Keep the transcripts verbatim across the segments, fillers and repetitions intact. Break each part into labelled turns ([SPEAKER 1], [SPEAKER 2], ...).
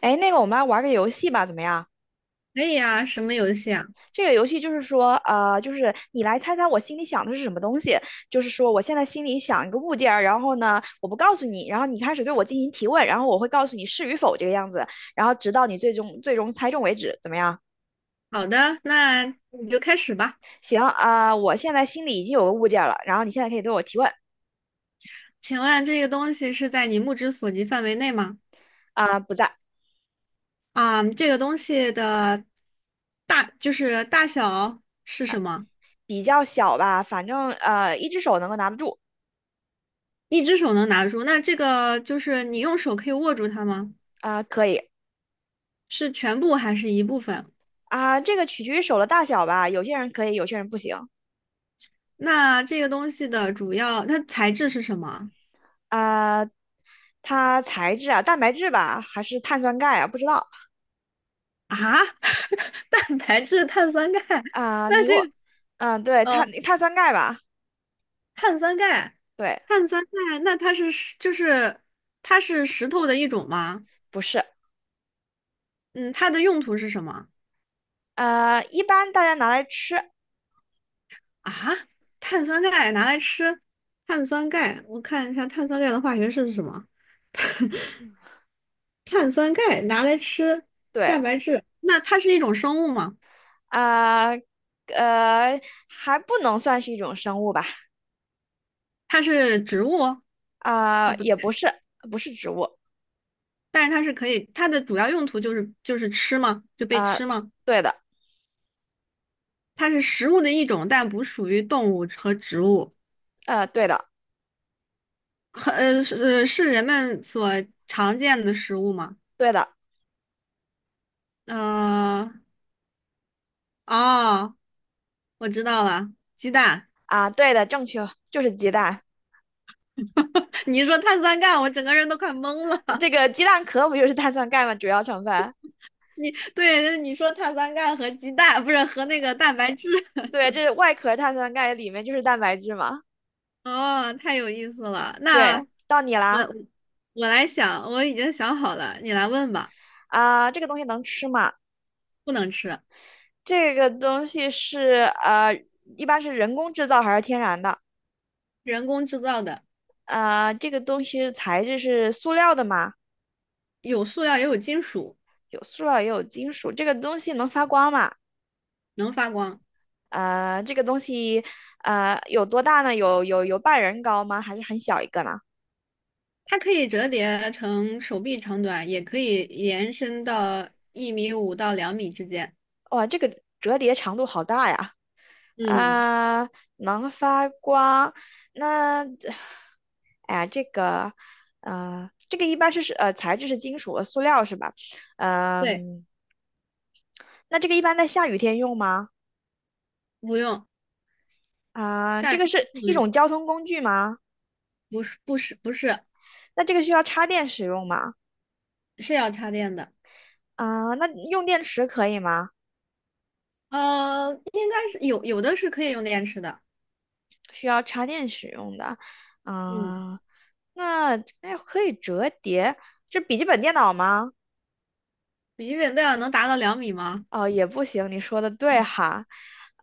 [SPEAKER 1] 哎，那个，我们来玩个游戏吧，怎么样？
[SPEAKER 2] 可以啊，什么游戏啊？
[SPEAKER 1] 这个游戏就是说，呃，就是你来猜猜我心里想的是什么东西。就是说，我现在心里想一个物件儿，然后呢，我不告诉你，然后你开始对我进行提问，然后我会告诉你是与否这个样子，然后直到你最终最终猜中为止，怎么样？
[SPEAKER 2] 好的，那你就开始吧。
[SPEAKER 1] 行啊，我现在心里已经有个物件儿了，然后你现在可以对我提问。
[SPEAKER 2] 请问这个东西是在你目之所及范围内吗？
[SPEAKER 1] 啊，不在。
[SPEAKER 2] 啊、这个东西的大就是大小是什么？
[SPEAKER 1] 比较小吧，反正呃，一只手能够拿得住。
[SPEAKER 2] 一只手能拿得住？那这个就是你用手可以握住它吗？
[SPEAKER 1] 啊，可以。
[SPEAKER 2] 是全部还是一部分？
[SPEAKER 1] 啊、这个取决于手的大小吧，有些人可以，有些人不行。
[SPEAKER 2] 那这个东西的主要它材质是什么
[SPEAKER 1] 啊、它材质啊，蛋白质吧，还是碳酸钙啊？不知道。
[SPEAKER 2] 啊？蛋白质、碳酸钙？
[SPEAKER 1] 啊、
[SPEAKER 2] 那
[SPEAKER 1] 你给
[SPEAKER 2] 这
[SPEAKER 1] 我。
[SPEAKER 2] 个。
[SPEAKER 1] 嗯、对，碳
[SPEAKER 2] 哦
[SPEAKER 1] 碳酸钙吧。
[SPEAKER 2] 碳酸钙，
[SPEAKER 1] 对，
[SPEAKER 2] 碳酸钙，那它是石就是它是石头的一种吗？
[SPEAKER 1] 不是。
[SPEAKER 2] 嗯，它的用途是什么
[SPEAKER 1] 呃，一般大家拿来吃。
[SPEAKER 2] 啊？碳酸钙拿来吃，碳酸钙，我看一下碳酸钙的化学式是什么？碳酸钙拿来吃
[SPEAKER 1] 对。
[SPEAKER 2] 蛋白质，那它是一种生物吗？
[SPEAKER 1] 啊、呃，还不能算是一种生物吧。
[SPEAKER 2] 它是植物哦？啊，
[SPEAKER 1] 啊、
[SPEAKER 2] 不对，
[SPEAKER 1] 也不是，不是植物。
[SPEAKER 2] 但是它是可以，它的主要用途就是就是吃吗？就被
[SPEAKER 1] 啊、
[SPEAKER 2] 吃吗？
[SPEAKER 1] 对的。
[SPEAKER 2] 它是食物的一种，但不属于动物和植物。
[SPEAKER 1] 呃，对的。
[SPEAKER 2] 很呃是呃是人们所常见的食物吗？
[SPEAKER 1] 对的。
[SPEAKER 2] 呃，哦，我知道了，鸡蛋。
[SPEAKER 1] 啊、对的，正确，就是鸡蛋。
[SPEAKER 2] 你一说碳酸钙，我整个人都快懵了。
[SPEAKER 1] 这个鸡蛋壳不就是碳酸钙吗？主要成分。
[SPEAKER 2] 你对，你说碳酸钙和鸡蛋，不是和那个蛋白质。
[SPEAKER 1] 对，这是外壳碳酸钙，里面就是蛋白质嘛。
[SPEAKER 2] 哦，太有意思了。那
[SPEAKER 1] 对，到你
[SPEAKER 2] 我
[SPEAKER 1] 啦。
[SPEAKER 2] 我来想，我已经想好了，你来问吧。
[SPEAKER 1] 啊、这个东西能吃吗？
[SPEAKER 2] 不能吃，
[SPEAKER 1] 这个东西是呃，一般是人工制造还是天然的？
[SPEAKER 2] 人工制造的，
[SPEAKER 1] 呃，这个东西材质是塑料的吗？
[SPEAKER 2] 有塑料也有金属，
[SPEAKER 1] 有塑料也有金属。这个东西能发光吗？
[SPEAKER 2] 能发光。
[SPEAKER 1] 呃，这个东西呃有多大呢？有有有半人高吗？还是很小一个呢？
[SPEAKER 2] 它可以折叠成手臂长短，也可以延伸到一米五到两米之间。
[SPEAKER 1] 哇，这个折叠长度好大呀！
[SPEAKER 2] 嗯，
[SPEAKER 1] 啊，能发光。那，哎呀，这个，呃，这个一般是是呃材质是金属和塑料是吧？
[SPEAKER 2] 对，
[SPEAKER 1] 嗯、那这个一般在下雨天用吗？
[SPEAKER 2] 不用，
[SPEAKER 1] 啊、
[SPEAKER 2] 下
[SPEAKER 1] 这
[SPEAKER 2] 一
[SPEAKER 1] 个是
[SPEAKER 2] 不能
[SPEAKER 1] 一
[SPEAKER 2] 用，
[SPEAKER 1] 种交通工具吗？
[SPEAKER 2] 不是不是不是
[SPEAKER 1] 那这个需要插电使用吗？
[SPEAKER 2] 是要插电的，
[SPEAKER 1] 啊、那用电池可以吗？
[SPEAKER 2] 呃，应该是有有的是可以用电池的，
[SPEAKER 1] 需要插电使用的。
[SPEAKER 2] 嗯
[SPEAKER 1] 嗯、那哎可以折叠，这笔记本电脑吗？
[SPEAKER 2] 笔记本电脑能达到两米吗？
[SPEAKER 1] 哦，也不行，你说的对哈。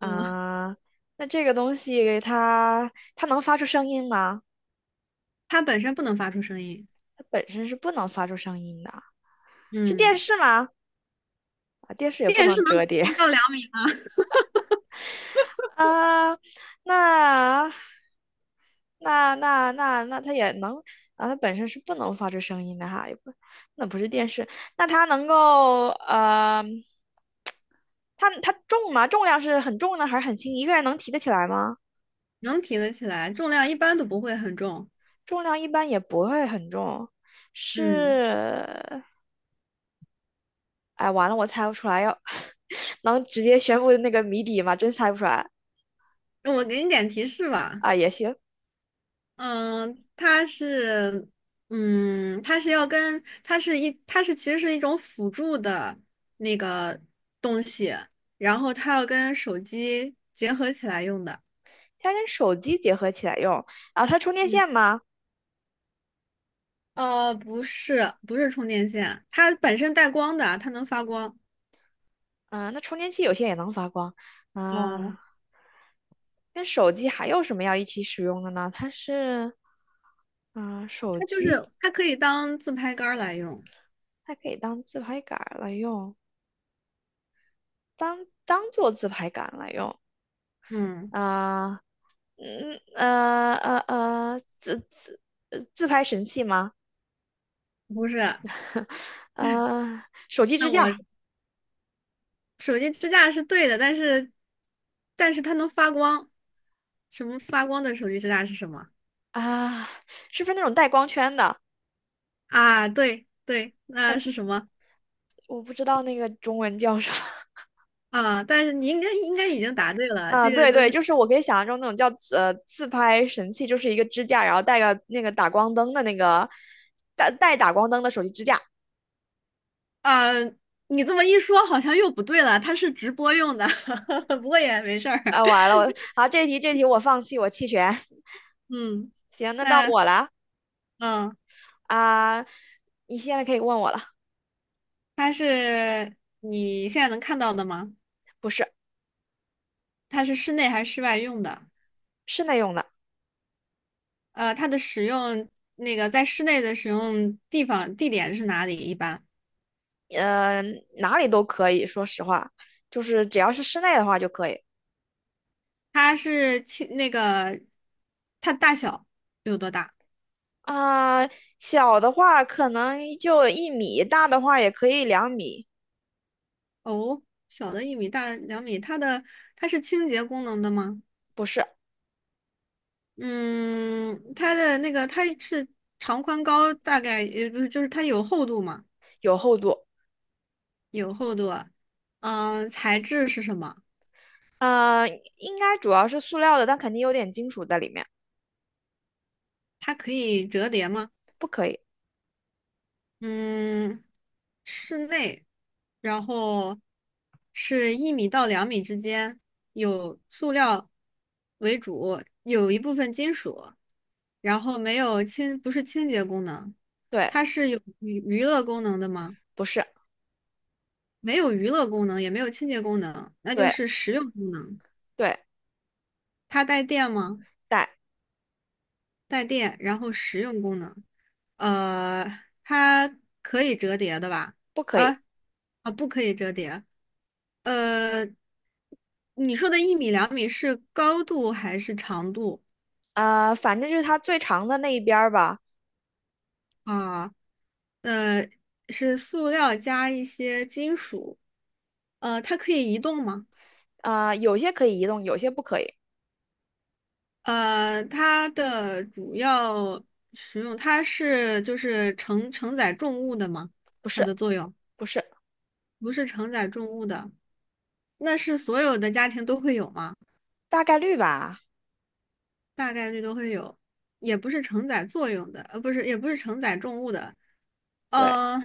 [SPEAKER 2] 嗯，
[SPEAKER 1] 那这个东西它它能发出声音吗？
[SPEAKER 2] 它本身不能发出声音，
[SPEAKER 1] 它本身是不能发出声音的。是电
[SPEAKER 2] 嗯，
[SPEAKER 1] 视吗？啊，电视也不
[SPEAKER 2] 电视
[SPEAKER 1] 能
[SPEAKER 2] 能
[SPEAKER 1] 折叠。
[SPEAKER 2] 能到两米吗？
[SPEAKER 1] 啊、那那那那那它也能啊，它本身是不能发出声音的哈，也不。那不是电视。那它能够呃，它它重吗？重量是很重呢，还是很轻？一个人能提得起来吗？
[SPEAKER 2] 能提得起来，重量一般都不会很重，
[SPEAKER 1] 重量一般也不会很重。
[SPEAKER 2] 嗯，
[SPEAKER 1] 是。哎，完了，我猜不出来，要 能直接宣布那个谜底吗？真猜不出来。
[SPEAKER 2] 那我给你点提示吧，
[SPEAKER 1] 啊，也行。
[SPEAKER 2] 嗯，它是，嗯，它是要跟，它是一，它是其实是一种辅助的那个东西，然后它要跟手机结合起来用的。
[SPEAKER 1] 它跟手机结合起来用。啊，后它充电
[SPEAKER 2] 嗯，
[SPEAKER 1] 线吗？
[SPEAKER 2] 呃，不是，不是充电线，它本身带光的，它能发光。
[SPEAKER 1] 嗯、那充电器有些也能发光。
[SPEAKER 2] 哦，
[SPEAKER 1] 啊、跟手机还有什么要一起使用的呢？它是，嗯、手
[SPEAKER 2] 它就
[SPEAKER 1] 机
[SPEAKER 2] 是它可以当自拍杆儿来用。
[SPEAKER 1] 它可以当自拍杆儿来用，当当做自拍杆来用。
[SPEAKER 2] 嗯，
[SPEAKER 1] 啊、嗯呃呃呃，自自呃自拍神器吗？
[SPEAKER 2] 不是，
[SPEAKER 1] 呃，手机
[SPEAKER 2] 那
[SPEAKER 1] 支
[SPEAKER 2] 我
[SPEAKER 1] 架。
[SPEAKER 2] 手机支架是对的，但是，但是它能发光。什么发光的手机支架是什么？
[SPEAKER 1] 啊、是不是那种带光圈的？
[SPEAKER 2] 啊，对对，那是什么
[SPEAKER 1] 我不知道那个中文叫什么。
[SPEAKER 2] 啊？但是你应该应该已经答对了，
[SPEAKER 1] 啊、
[SPEAKER 2] 这个
[SPEAKER 1] 对
[SPEAKER 2] 就
[SPEAKER 1] 对，
[SPEAKER 2] 是
[SPEAKER 1] 就是我可以想象中那种叫自呃自拍神器，就是一个支架，然后带个那个打光灯的那个带带打光灯的手机支架。
[SPEAKER 2] 啊，你这么一说好像又不对了，它是直播用的，不过也没事儿。
[SPEAKER 1] 啊，完 了，我好，这题这题我放弃，我弃权。
[SPEAKER 2] 嗯，
[SPEAKER 1] 行，那到
[SPEAKER 2] 那
[SPEAKER 1] 我了。
[SPEAKER 2] 嗯，
[SPEAKER 1] 啊、你现在可以问我了。
[SPEAKER 2] 它是你现在能看到的吗？
[SPEAKER 1] 不是。
[SPEAKER 2] 它是室内还是室外用的？
[SPEAKER 1] 室内用的。
[SPEAKER 2] 呃，它的使用那个在室内的使用地方地点是哪里？一般
[SPEAKER 1] 呃，哪里都可以，说实话，就是只要是室内的话就可以。
[SPEAKER 2] 它是轻那个它大小有多大？
[SPEAKER 1] 啊、小的话可能就一米，大的话也可以两米。
[SPEAKER 2] 哦，小的一米，大的两米，它的它是清洁功能的吗？
[SPEAKER 1] 不是。
[SPEAKER 2] 嗯，它的那个它是长宽高大概也不是，就是它有厚度吗？
[SPEAKER 1] 有厚度。
[SPEAKER 2] 有厚度啊。嗯，材质是什么？
[SPEAKER 1] 啊、应该主要是塑料的，但肯定有点金属在里面。
[SPEAKER 2] 它可以折叠吗？
[SPEAKER 1] 不可以。
[SPEAKER 2] 嗯，室内，然后是一米到两米之间，有塑料为主，有一部分金属。然后没有清，不是清洁功能，
[SPEAKER 1] 对。
[SPEAKER 2] 它是有娱娱乐功能的吗？
[SPEAKER 1] 不是。
[SPEAKER 2] 没有娱乐功能，也没有清洁功能，那就
[SPEAKER 1] 对
[SPEAKER 2] 是实用功能。
[SPEAKER 1] 对。
[SPEAKER 2] 它带电吗？
[SPEAKER 1] 带。
[SPEAKER 2] 带电，然后实用功能，呃，它可以折叠的吧？
[SPEAKER 1] 不可以。
[SPEAKER 2] 啊啊，不可以折叠。呃，你说的一米两米是高度还是长度
[SPEAKER 1] 呃，反正就是它最长的那一边儿吧。
[SPEAKER 2] 啊？呃，是塑料加一些金属，呃，它可以移动吗？
[SPEAKER 1] 啊、有些可以移动，有些不可以。
[SPEAKER 2] 呃，它的主要使用，它是就是承承载重物的吗？
[SPEAKER 1] 不
[SPEAKER 2] 它
[SPEAKER 1] 是。
[SPEAKER 2] 的作用
[SPEAKER 1] 不是。
[SPEAKER 2] 不是承载重物的，那是所有的家庭都会有吗？
[SPEAKER 1] 大概率吧。
[SPEAKER 2] 大概率都会有，也不是承载作用的，呃，不是，也不是承载重物的，
[SPEAKER 1] 对。
[SPEAKER 2] 呃，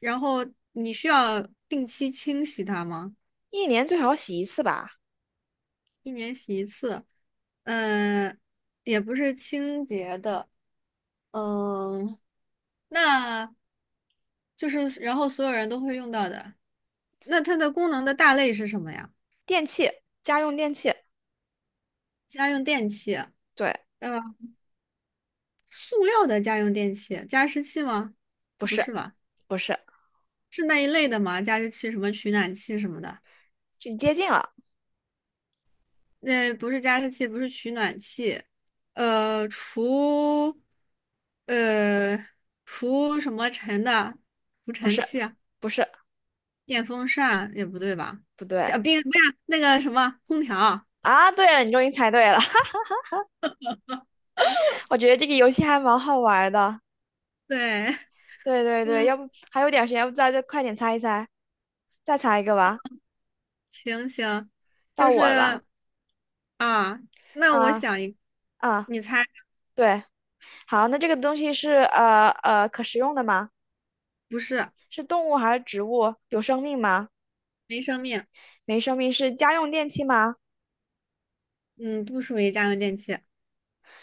[SPEAKER 2] 然后你需要定期清洗它吗？
[SPEAKER 1] 一年最好洗一次吧。
[SPEAKER 2] 一年洗一次，嗯，也不是清洁的，嗯，那就是然后所有人都会用到的。那它的功能的大类是什么呀？
[SPEAKER 1] 电器，家用电器。
[SPEAKER 2] 家用电器，
[SPEAKER 1] 对。
[SPEAKER 2] 呃，塑料的家用电器，加湿器吗？
[SPEAKER 1] 不
[SPEAKER 2] 不
[SPEAKER 1] 是。
[SPEAKER 2] 是吧？
[SPEAKER 1] 不是。
[SPEAKER 2] 是那一类的吗？加湿器、什么取暖器什么的？
[SPEAKER 1] 是接近了。
[SPEAKER 2] 那不是加湿器，不是取暖器，呃，除呃除什么尘的除
[SPEAKER 1] 不
[SPEAKER 2] 尘
[SPEAKER 1] 是。
[SPEAKER 2] 器。
[SPEAKER 1] 不是。
[SPEAKER 2] 电风扇也不对吧？
[SPEAKER 1] 不对。
[SPEAKER 2] 啊，冰不是那个什么空调，
[SPEAKER 1] 啊！对了，你终于猜对了。我觉得这个游戏还蛮好玩的。
[SPEAKER 2] 对，
[SPEAKER 1] 对对对，
[SPEAKER 2] 嗯，
[SPEAKER 1] 要不还有点时间，要不再再快点猜一猜，再猜一个吧。
[SPEAKER 2] 行行，
[SPEAKER 1] 到
[SPEAKER 2] 就
[SPEAKER 1] 我了吧？
[SPEAKER 2] 是啊，那我
[SPEAKER 1] 啊
[SPEAKER 2] 想一，
[SPEAKER 1] 啊，
[SPEAKER 2] 你猜
[SPEAKER 1] 对。好，那这个东西是呃呃可食用的吗？
[SPEAKER 2] 不是
[SPEAKER 1] 是动物还是植物？有生命吗？
[SPEAKER 2] 没生命，
[SPEAKER 1] 没生命，是家用电器吗？
[SPEAKER 2] 嗯，不属于家用电器，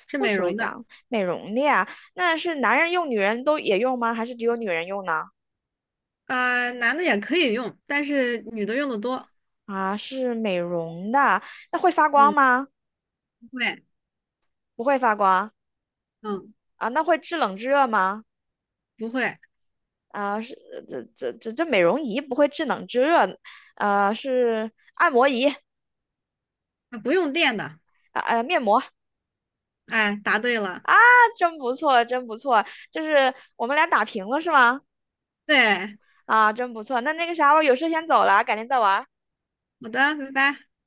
[SPEAKER 2] 是
[SPEAKER 1] 不
[SPEAKER 2] 美
[SPEAKER 1] 属于
[SPEAKER 2] 容的，
[SPEAKER 1] 讲美容的呀。那是男人用，女人都也用吗？还是只有女人用呢？
[SPEAKER 2] 呃，男的也可以用，但是女的用的多，
[SPEAKER 1] 啊，是美容的。那会发光
[SPEAKER 2] 嗯，
[SPEAKER 1] 吗？
[SPEAKER 2] 不会，
[SPEAKER 1] 不会发光。
[SPEAKER 2] 嗯，
[SPEAKER 1] 啊，那会制冷制热吗？
[SPEAKER 2] 不会，
[SPEAKER 1] 啊，是这这这这美容仪不会制冷制热。呃，是按摩仪。啊
[SPEAKER 2] 啊不用电的，
[SPEAKER 1] 呃，面膜。啊，
[SPEAKER 2] 哎，答对了，
[SPEAKER 1] 真不错，真不错。就是我们俩打平了是吗？
[SPEAKER 2] 对，
[SPEAKER 1] 啊，真不错。那那个啥，我有事先走了，改天再玩。
[SPEAKER 2] 好的，拜拜。